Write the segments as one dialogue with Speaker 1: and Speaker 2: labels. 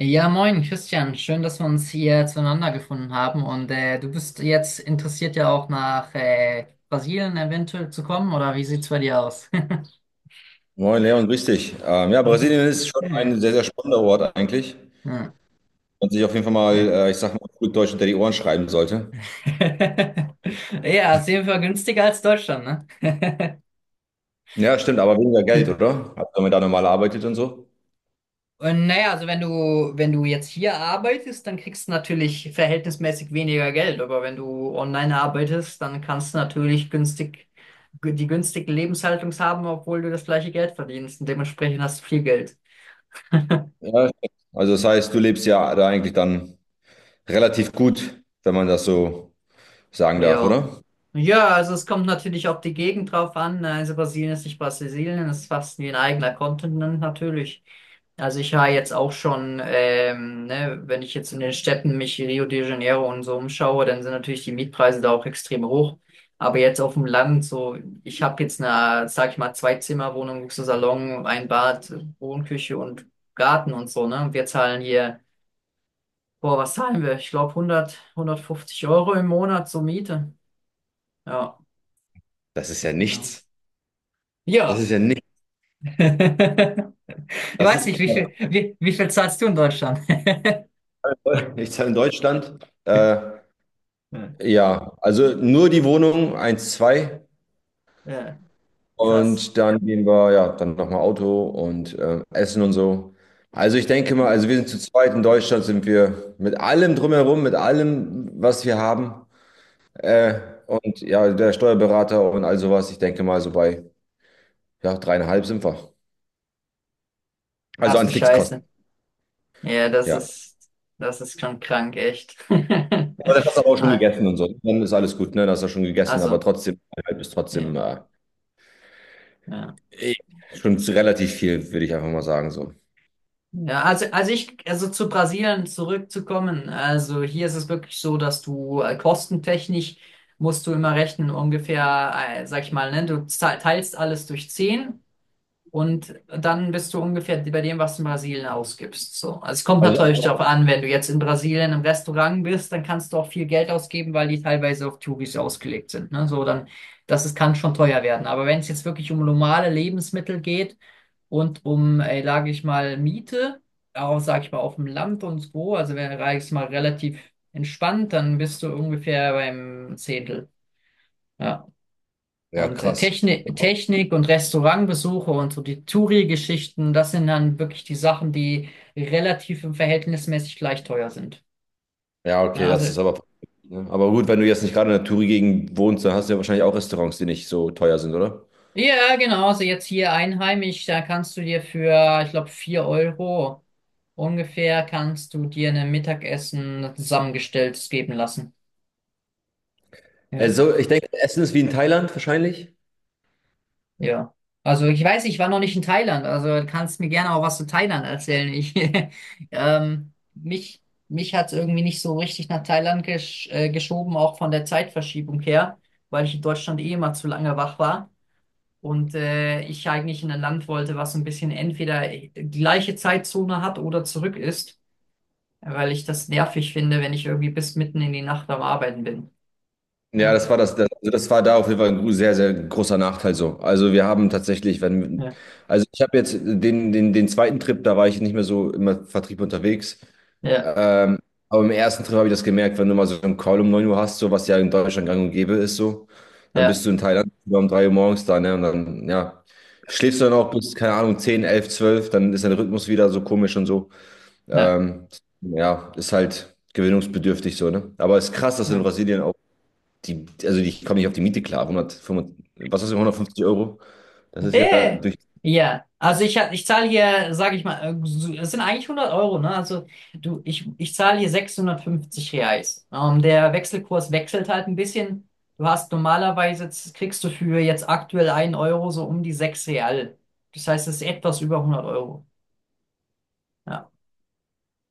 Speaker 1: Ja, moin, Christian. Schön, dass wir uns hier zueinander gefunden haben. Und du bist jetzt interessiert ja auch nach Brasilien eventuell zu kommen, oder wie sieht's bei dir aus?
Speaker 2: Moin Leon, grüß dich. Ja, Brasilien ist schon ein
Speaker 1: Ja,
Speaker 2: sehr, sehr spannender Ort eigentlich.
Speaker 1: ja.
Speaker 2: Und sich auf jeden Fall mal,
Speaker 1: Ja.
Speaker 2: ich sag mal, gut Deutsch hinter die Ohren schreiben sollte.
Speaker 1: Ja, ist auf jeden Fall günstiger als Deutschland, ne?
Speaker 2: Ja, stimmt, aber weniger Geld, oder? Also, wenn man da normal arbeitet und so.
Speaker 1: Und naja, wenn du jetzt hier arbeitest, dann kriegst du natürlich verhältnismäßig weniger Geld. Aber wenn du online arbeitest, dann kannst du die günstigen Lebenshaltungs haben, obwohl du das gleiche Geld verdienst. Und dementsprechend hast du viel Geld.
Speaker 2: Ja, stimmt. Also das heißt, du lebst ja da eigentlich dann relativ gut, wenn man das so sagen darf,
Speaker 1: Ja.
Speaker 2: oder?
Speaker 1: Ja, also es kommt natürlich auf die Gegend drauf an. Also Brasilien ist nicht Brasilien, es ist fast wie ein eigener Kontinent natürlich. Also ich war jetzt auch schon, ne, wenn ich jetzt in den Städten mich Rio de Janeiro und so umschaue, dann sind natürlich die Mietpreise da auch extrem hoch. Aber jetzt auf dem Land, so, ich habe jetzt eine, sag ich mal, Zwei-Zimmer-Wohnung, Luxussalon, ein Bad, Wohnküche und Garten und so, ne? Und wir zahlen hier, boah, was zahlen wir? Ich glaube 100, 150 € im Monat zur Miete. Ja.
Speaker 2: Das ist ja
Speaker 1: Genau.
Speaker 2: nichts. Das
Speaker 1: Ja.
Speaker 2: ist ja nichts.
Speaker 1: Ich
Speaker 2: Das
Speaker 1: weiß
Speaker 2: ist
Speaker 1: nicht,
Speaker 2: knapp.
Speaker 1: wie viel zahlst du in Deutschland?
Speaker 2: Nichts in Deutschland. Äh,
Speaker 1: Hm.
Speaker 2: ja, also nur die Wohnung 1,2.
Speaker 1: Ja, krass.
Speaker 2: Und dann gehen wir, ja, dann nochmal Auto und Essen und so. Also ich denke mal,
Speaker 1: Hm.
Speaker 2: also wir sind zu zweit in Deutschland, sind wir mit allem drumherum, mit allem, was wir haben. Äh, und ja, der Steuerberater und all sowas, ich denke mal so bei, ja, dreieinhalb sind wir. Also
Speaker 1: Hast
Speaker 2: an
Speaker 1: du
Speaker 2: Fixkosten,
Speaker 1: Scheiße. Ja, das
Speaker 2: ja.
Speaker 1: ist, das ist schon krank, echt.
Speaker 2: Aber das hast du aber auch schon
Speaker 1: Ah,
Speaker 2: gegessen und so. Dann ist alles gut, ne? Das hast du schon gegessen, aber
Speaker 1: Also,
Speaker 2: trotzdem, dreieinhalb ist trotzdem
Speaker 1: ja, ja.
Speaker 2: eh schon relativ viel, würde ich einfach mal sagen, so.
Speaker 1: Also zu Brasilien zurückzukommen, also hier ist es wirklich so, dass du kostentechnisch musst du immer rechnen, ungefähr, sag ich mal, ne, teilst alles durch 10. Und dann bist du ungefähr bei dem, was du in Brasilien ausgibst. So. Also es kommt
Speaker 2: Also,
Speaker 1: natürlich darauf an, wenn du jetzt in Brasilien im Restaurant bist, dann kannst du auch viel Geld ausgeben, weil die teilweise auf Touris ausgelegt sind. Ne? Kann schon teuer werden. Aber wenn es jetzt wirklich um normale Lebensmittel geht und um, sage ich mal, Miete, auch, sage ich mal, auf dem Land und so, also wenn, sage ich mal, relativ entspannt, dann bist du ungefähr beim Zehntel. Ja.
Speaker 2: ja,
Speaker 1: Und äh,
Speaker 2: krass.
Speaker 1: Technik, Technik und Restaurantbesuche und so die Touri-Geschichten, das sind dann wirklich die Sachen, die relativ und verhältnismäßig gleich teuer sind.
Speaker 2: Ja, okay,
Speaker 1: Ja,
Speaker 2: das
Speaker 1: also,
Speaker 2: ist aber. Ne? Aber gut, wenn du jetzt nicht gerade in der Touri-Gegend wohnst, dann hast du ja wahrscheinlich auch Restaurants, die nicht so teuer sind, oder?
Speaker 1: ja, genau, also jetzt hier einheimisch, da kannst du dir für, ich glaube, 4 € ungefähr, kannst du dir ein Mittagessen zusammengestelltes geben lassen. Ja.
Speaker 2: Also, ich denke, Essen ist wie in Thailand wahrscheinlich.
Speaker 1: Ja. Also ich weiß, ich war noch nicht in Thailand, also du kannst mir gerne auch was zu Thailand erzählen. Ich, ähm, mich mich hat es irgendwie nicht so richtig nach Thailand gesch geschoben, auch von der Zeitverschiebung her, weil ich in Deutschland eh immer zu lange wach war und ich eigentlich in ein Land wollte, was so ein bisschen entweder gleiche Zeitzone hat oder zurück ist, weil ich das nervig finde, wenn ich irgendwie bis mitten in die Nacht am Arbeiten bin.
Speaker 2: Ja,
Speaker 1: Ja,
Speaker 2: das war also das war da auf jeden Fall ein sehr, sehr großer Nachteil so. Also wir haben tatsächlich, wenn,
Speaker 1: ja,
Speaker 2: also ich habe jetzt den zweiten Trip, da war ich nicht mehr so im Vertrieb unterwegs.
Speaker 1: ja,
Speaker 2: Ähm, aber im ersten Trip habe ich das gemerkt, wenn du mal so einen Call um 9 Uhr hast, so was ja in Deutschland gang und gäbe ist, so, dann bist du in Thailand um 3 Uhr morgens da, ne? Und dann, ja, schläfst du dann auch bis, keine Ahnung, 10, 11, 12, dann ist dein Rhythmus wieder so komisch und so.
Speaker 1: ja.
Speaker 2: Ähm, ja, ist halt gewöhnungsbedürftig so, ne? Aber es ist krass, dass in
Speaker 1: Ja.
Speaker 2: Brasilien die, also ich komme nicht auf die Miete klar. 155, was ist 150 Euro? Das ist ja
Speaker 1: Äh,
Speaker 2: durch
Speaker 1: also ich zahle hier, sage ich mal, es sind eigentlich hundert Euro, ne? Also ich zahle hier 650 Reais. Der Wechselkurs wechselt halt ein bisschen. Du hast normalerweise, jetzt kriegst du für jetzt aktuell einen Euro so um die 6 Real. Das heißt, es ist etwas über hundert Euro. Ja,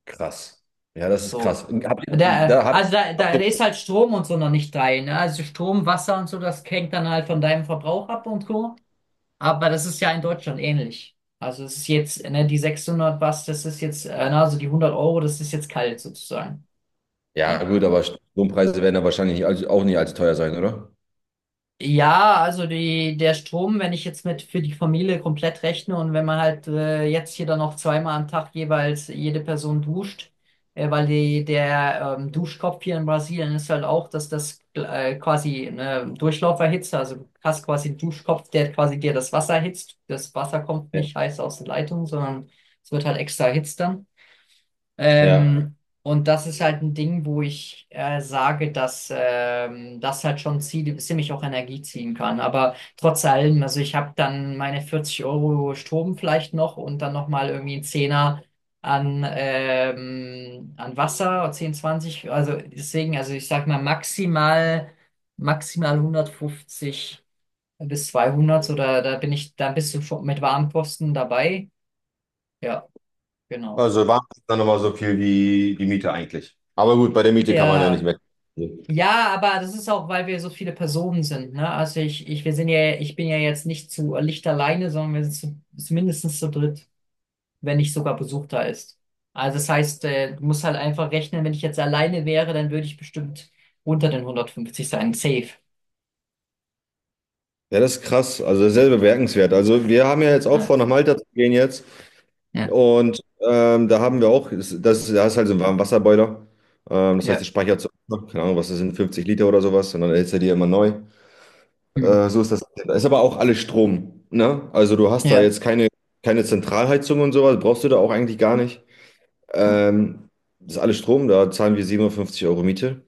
Speaker 2: krass. Ja, das ist
Speaker 1: so.
Speaker 2: krass. Habt ihr,
Speaker 1: Der, äh,
Speaker 2: da habt,
Speaker 1: also da, da
Speaker 2: habt ihr,
Speaker 1: ist halt Strom und so noch nicht rein. Ne? Also Strom, Wasser und so, das hängt dann halt von deinem Verbrauch ab und so. Aber das ist ja in Deutschland ähnlich. Also es ist jetzt, ne, die 600 was, das ist jetzt, na, also die 100 Euro, das ist jetzt kalt sozusagen.
Speaker 2: ja
Speaker 1: Ja.
Speaker 2: gut, aber Strompreise werden da wahrscheinlich nicht, allzu- auch nicht allzu teuer sein, oder?
Speaker 1: Ja, also die, der Strom, wenn ich jetzt mit für die Familie komplett rechne und wenn man halt jetzt hier dann noch zweimal am Tag jeweils jede Person duscht, der Duschkopf hier in Brasilien ist halt auch, dass das quasi eine Durchlauferhitze, also du hast quasi einen Duschkopf, der quasi dir das Wasser erhitzt. Das Wasser kommt
Speaker 2: Ja.
Speaker 1: nicht heiß aus der Leitung, sondern es wird halt extra erhitzt dann.
Speaker 2: Ja.
Speaker 1: Ähm, und das ist halt ein Ding, wo ich sage, dass das halt schon ziemlich auch Energie ziehen kann. Aber trotz allem, also ich habe dann meine 40 € Strom vielleicht noch und dann nochmal irgendwie einen Zehner an, an Wasser, 10, 20. Also deswegen, also ich sag mal maximal, maximal 150 bis 200 oder da bin ich, da bist du schon mit Warmkosten dabei. Ja, genau.
Speaker 2: Also waren es dann nochmal so viel wie die Miete eigentlich. Aber gut, bei der Miete kann man ja nicht
Speaker 1: Ja.
Speaker 2: mehr. Ja,
Speaker 1: Ja, aber das ist auch, weil wir so viele Personen sind, ne? Wir sind ja, ich bin ja jetzt nicht zu Licht alleine, sondern wir sind zu mindestens zu dritt, wenn nicht sogar Besuch da ist. Also das heißt, du musst halt einfach rechnen, wenn ich jetzt alleine wäre, dann würde ich bestimmt unter den 150 sein. Safe.
Speaker 2: das ist krass. Also sehr bemerkenswert. Also wir haben ja jetzt auch
Speaker 1: Ja.
Speaker 2: vor, nach Malta zu gehen jetzt.
Speaker 1: Ja.
Speaker 2: Und da haben wir auch, da ist halt so ein Warmwasserboiler. Das heißt, der
Speaker 1: Ja.
Speaker 2: speichert so, keine Ahnung, was das sind, 50 Liter oder sowas, und dann erhitzt er die immer neu.
Speaker 1: Hm.
Speaker 2: So ist das. Da ist aber auch alles Strom, ne? Also du hast da
Speaker 1: Ja.
Speaker 2: jetzt keine, keine Zentralheizung und sowas, brauchst du da auch eigentlich gar nicht.
Speaker 1: Ja.
Speaker 2: Ähm, Das ist alles Strom, da zahlen wir 750 Euro Miete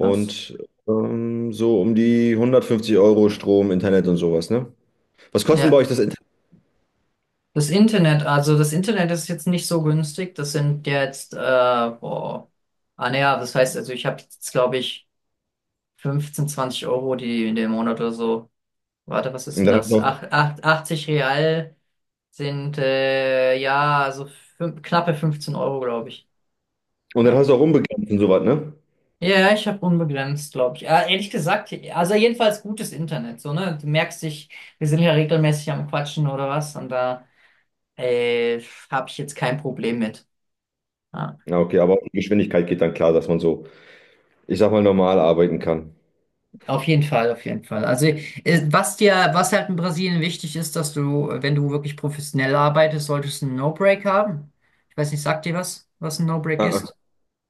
Speaker 1: Krass.
Speaker 2: so um die 150 Euro Strom, Internet und sowas, ne? Was kostet denn bei
Speaker 1: Ja.
Speaker 2: euch das Internet?
Speaker 1: Das Internet, also das Internet ist jetzt nicht so günstig. Boah. Ah, naja, das heißt, also ich habe jetzt, glaube ich, 15, 20 € die in dem Monat oder so. Warte, was ist
Speaker 2: Und
Speaker 1: denn
Speaker 2: dann hast
Speaker 1: das?
Speaker 2: du auch,
Speaker 1: Ach, 80 Real sind ja so knappe 15 Euro, glaube ich.
Speaker 2: und dann
Speaker 1: Ja.
Speaker 2: hast du auch unbegrenzt und sowas, ne?
Speaker 1: Ja, ich habe unbegrenzt, glaube ich. Ja, ehrlich gesagt, also jedenfalls gutes Internet, so, ne? Du merkst dich, wir sind ja regelmäßig am Quatschen oder was und da äh, habe ich jetzt kein Problem mit. Ja.
Speaker 2: Ja, okay, aber auch die Geschwindigkeit geht dann klar, dass man so, ich sag mal, normal arbeiten kann.
Speaker 1: Auf jeden Fall, auf jeden Fall. Was halt in Brasilien wichtig ist, dass du, wenn du wirklich professionell arbeitest, solltest du einen No-Break haben. Ich weiß nicht, sagt dir was, was ein No-Break
Speaker 2: Ah, ah,
Speaker 1: ist?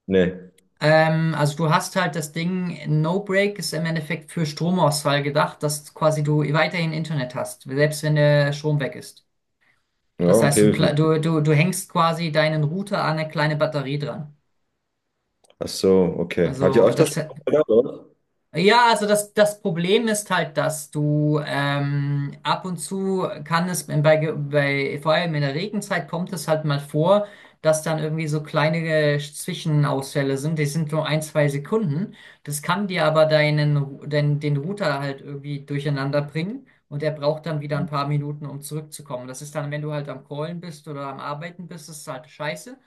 Speaker 2: nee.
Speaker 1: Also du hast halt das Ding, No-Break ist im Endeffekt für Stromausfall gedacht, dass quasi du weiterhin Internet hast, selbst wenn der Strom weg ist.
Speaker 2: Ja,
Speaker 1: Das heißt, du,
Speaker 2: okay, wie
Speaker 1: kle-
Speaker 2: funktioniert
Speaker 1: du hängst quasi deinen Router an eine kleine Batterie dran.
Speaker 2: das? Ach so, okay. Habt ihr
Speaker 1: Also
Speaker 2: öfter
Speaker 1: das
Speaker 2: Stress gehabt, oder?
Speaker 1: Das Problem ist halt, dass du ab und zu kann es bei, vor allem in der Regenzeit kommt es halt mal vor, dass dann irgendwie so kleine Zwischenausfälle sind. Die sind nur ein, zwei Sekunden. Das kann dir aber den Router halt irgendwie durcheinander bringen und er braucht dann wieder ein paar Minuten, um zurückzukommen. Das ist dann, wenn du halt am Callen bist oder am Arbeiten bist, ist halt scheiße.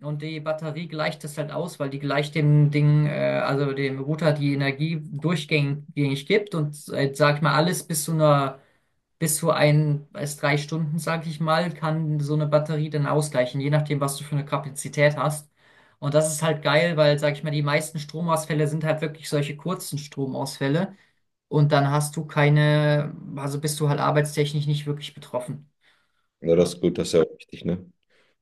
Speaker 1: Und die Batterie gleicht es halt aus, weil die gleicht also dem Router die Energie durchgängig gibt und sag ich mal, alles bis zu ein, bis drei Stunden, sag ich mal, kann so eine Batterie dann ausgleichen, je nachdem, was du für eine Kapazität hast. Und das ist halt geil, weil, sag ich mal, die meisten Stromausfälle sind halt wirklich solche kurzen Stromausfälle und dann hast du keine, also bist du halt arbeitstechnisch nicht wirklich betroffen.
Speaker 2: Ja, das
Speaker 1: Ja.
Speaker 2: ist gut, das ist ja auch wichtig, ne?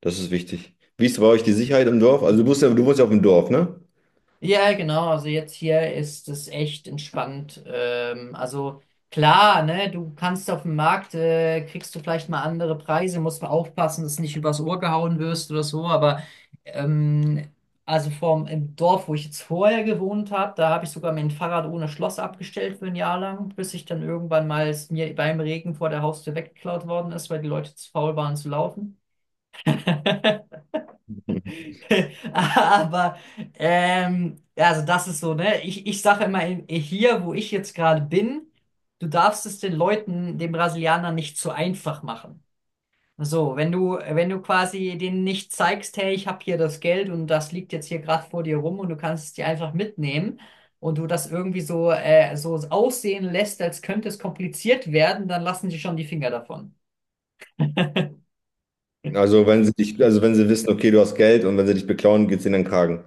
Speaker 2: Das ist wichtig. Wie ist bei euch die Sicherheit im Dorf? Also du musst ja, du wohnst ja auf dem Dorf, ne?
Speaker 1: Ja, genau. Also jetzt hier ist es echt entspannt. Klar, ne, du kannst auf dem Markt, kriegst du vielleicht mal andere Preise, musst mal aufpassen, dass du nicht übers Ohr gehauen wirst oder so. Aber ähm, also vom im Dorf, wo ich jetzt vorher gewohnt habe, da habe ich sogar mein Fahrrad ohne Schloss abgestellt für ein Jahr lang, bis ich dann irgendwann mal es mir beim Regen vor der Haustür weggeklaut worden ist, weil die Leute zu faul waren zu laufen. Aber ja, also das ist so, ne? Ich sage immer hier, wo ich jetzt gerade bin, du darfst es den Leuten, den Brasilianern nicht zu einfach machen. So, wenn du quasi denen nicht zeigst, hey, ich habe hier das Geld und das liegt jetzt hier gerade vor dir rum und du kannst es dir einfach mitnehmen und du das irgendwie so, so aussehen lässt, als könnte es kompliziert werden, dann lassen sie schon die Finger davon.
Speaker 2: Also wenn sie dich, also wenn sie wissen, okay, du hast Geld und wenn sie dich beklauen, geht's ihnen in den Kragen.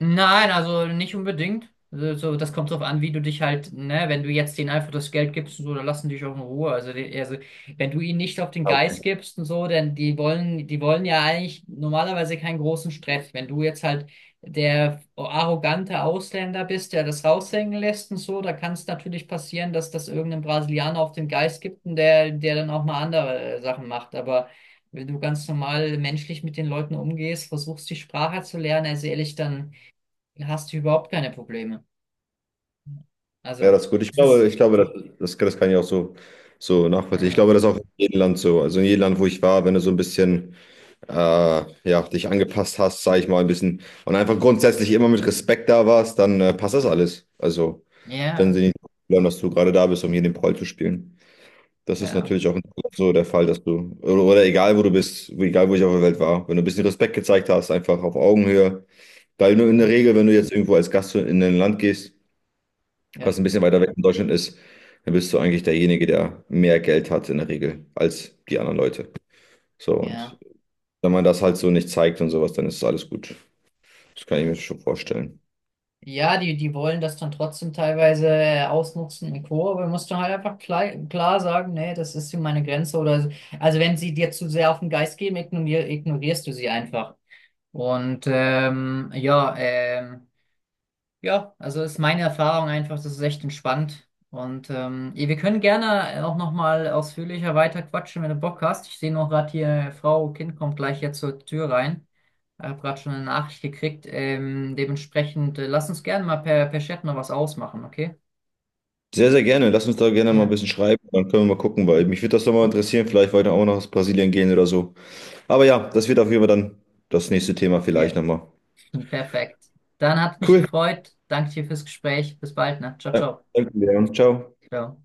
Speaker 1: Nein, also nicht unbedingt. Das kommt drauf an, wie du dich halt, ne, wenn du jetzt denen einfach das Geld gibst und so, dann lassen die dich auch in Ruhe. Also wenn du ihnen nicht auf den
Speaker 2: Ah,
Speaker 1: Geist
Speaker 2: okay.
Speaker 1: gibst und so, denn die wollen ja eigentlich normalerweise keinen großen Stress. Wenn du jetzt halt der arrogante Ausländer bist, der das raushängen lässt und so, da kann es natürlich passieren, dass das irgendein Brasilianer auf den Geist gibt und der dann auch mal andere Sachen macht. Aber wenn du ganz normal menschlich mit den Leuten umgehst, versuchst die Sprache zu lernen, also ehrlich, dann hast du überhaupt keine Probleme.
Speaker 2: Ja,
Speaker 1: Also,
Speaker 2: das ist gut. Ich
Speaker 1: es
Speaker 2: glaube,
Speaker 1: ist,
Speaker 2: das kann ich auch so, so nachvollziehen. Ich glaube,
Speaker 1: äh,
Speaker 2: das ist auch in jedem Land so. Also in jedem Land, wo ich war, wenn du so ein bisschen ja, dich angepasst hast, sage ich mal ein bisschen, und einfach grundsätzlich immer mit Respekt da warst, dann passt das alles. Also, wenn sie
Speaker 1: ja,
Speaker 2: nicht glauben, dass du gerade da bist, um hier den Proll zu spielen. Das ist
Speaker 1: ja,
Speaker 2: natürlich auch in Deutschland so der Fall, dass du, oder egal wo du bist, egal wo ich auf der Welt war, wenn du ein bisschen Respekt gezeigt hast, einfach auf Augenhöhe, weil nur in der Regel, wenn du jetzt irgendwo als Gast in ein Land gehst, was
Speaker 1: ja,
Speaker 2: ein bisschen weiter weg von Deutschland ist, dann bist du eigentlich derjenige, der mehr Geld hat in der Regel als die anderen Leute. So,
Speaker 1: ja.
Speaker 2: und wenn man das halt so nicht zeigt und sowas, dann ist alles gut. Das kann ich mir schon vorstellen.
Speaker 1: Ja, die, die wollen das dann trotzdem teilweise ausnutzen und Co., aber musst du halt einfach klar sagen, nee, das ist hier meine Grenze oder so. Also wenn sie dir zu sehr auf den Geist gehen, ignorierst du sie einfach. Und ähm, ja, ähm, Ja, also ist meine Erfahrung einfach, das ist echt entspannt. Und wir können gerne auch nochmal ausführlicher weiter quatschen, wenn du Bock hast. Ich sehe noch gerade hier, Frau Kind kommt gleich jetzt zur Tür rein. Ich habe gerade schon eine Nachricht gekriegt. Dementsprechend, lass uns gerne mal per Chat noch was ausmachen, okay?
Speaker 2: Sehr, sehr gerne. Lass uns da gerne mal ein
Speaker 1: Ja,
Speaker 2: bisschen schreiben. Dann können wir mal gucken, weil mich würde das nochmal interessieren. Vielleicht weiter auch nach Brasilien gehen oder so. Aber ja, das wird auf jeden Fall dann das nächste Thema vielleicht
Speaker 1: ja.
Speaker 2: nochmal.
Speaker 1: Perfekt. Dann hat mich
Speaker 2: Cool.
Speaker 1: gefreut. Danke dir fürs Gespräch. Bis bald, ne? Ciao,
Speaker 2: Ja,
Speaker 1: ciao.
Speaker 2: danke, Leon. Ciao.
Speaker 1: Ciao.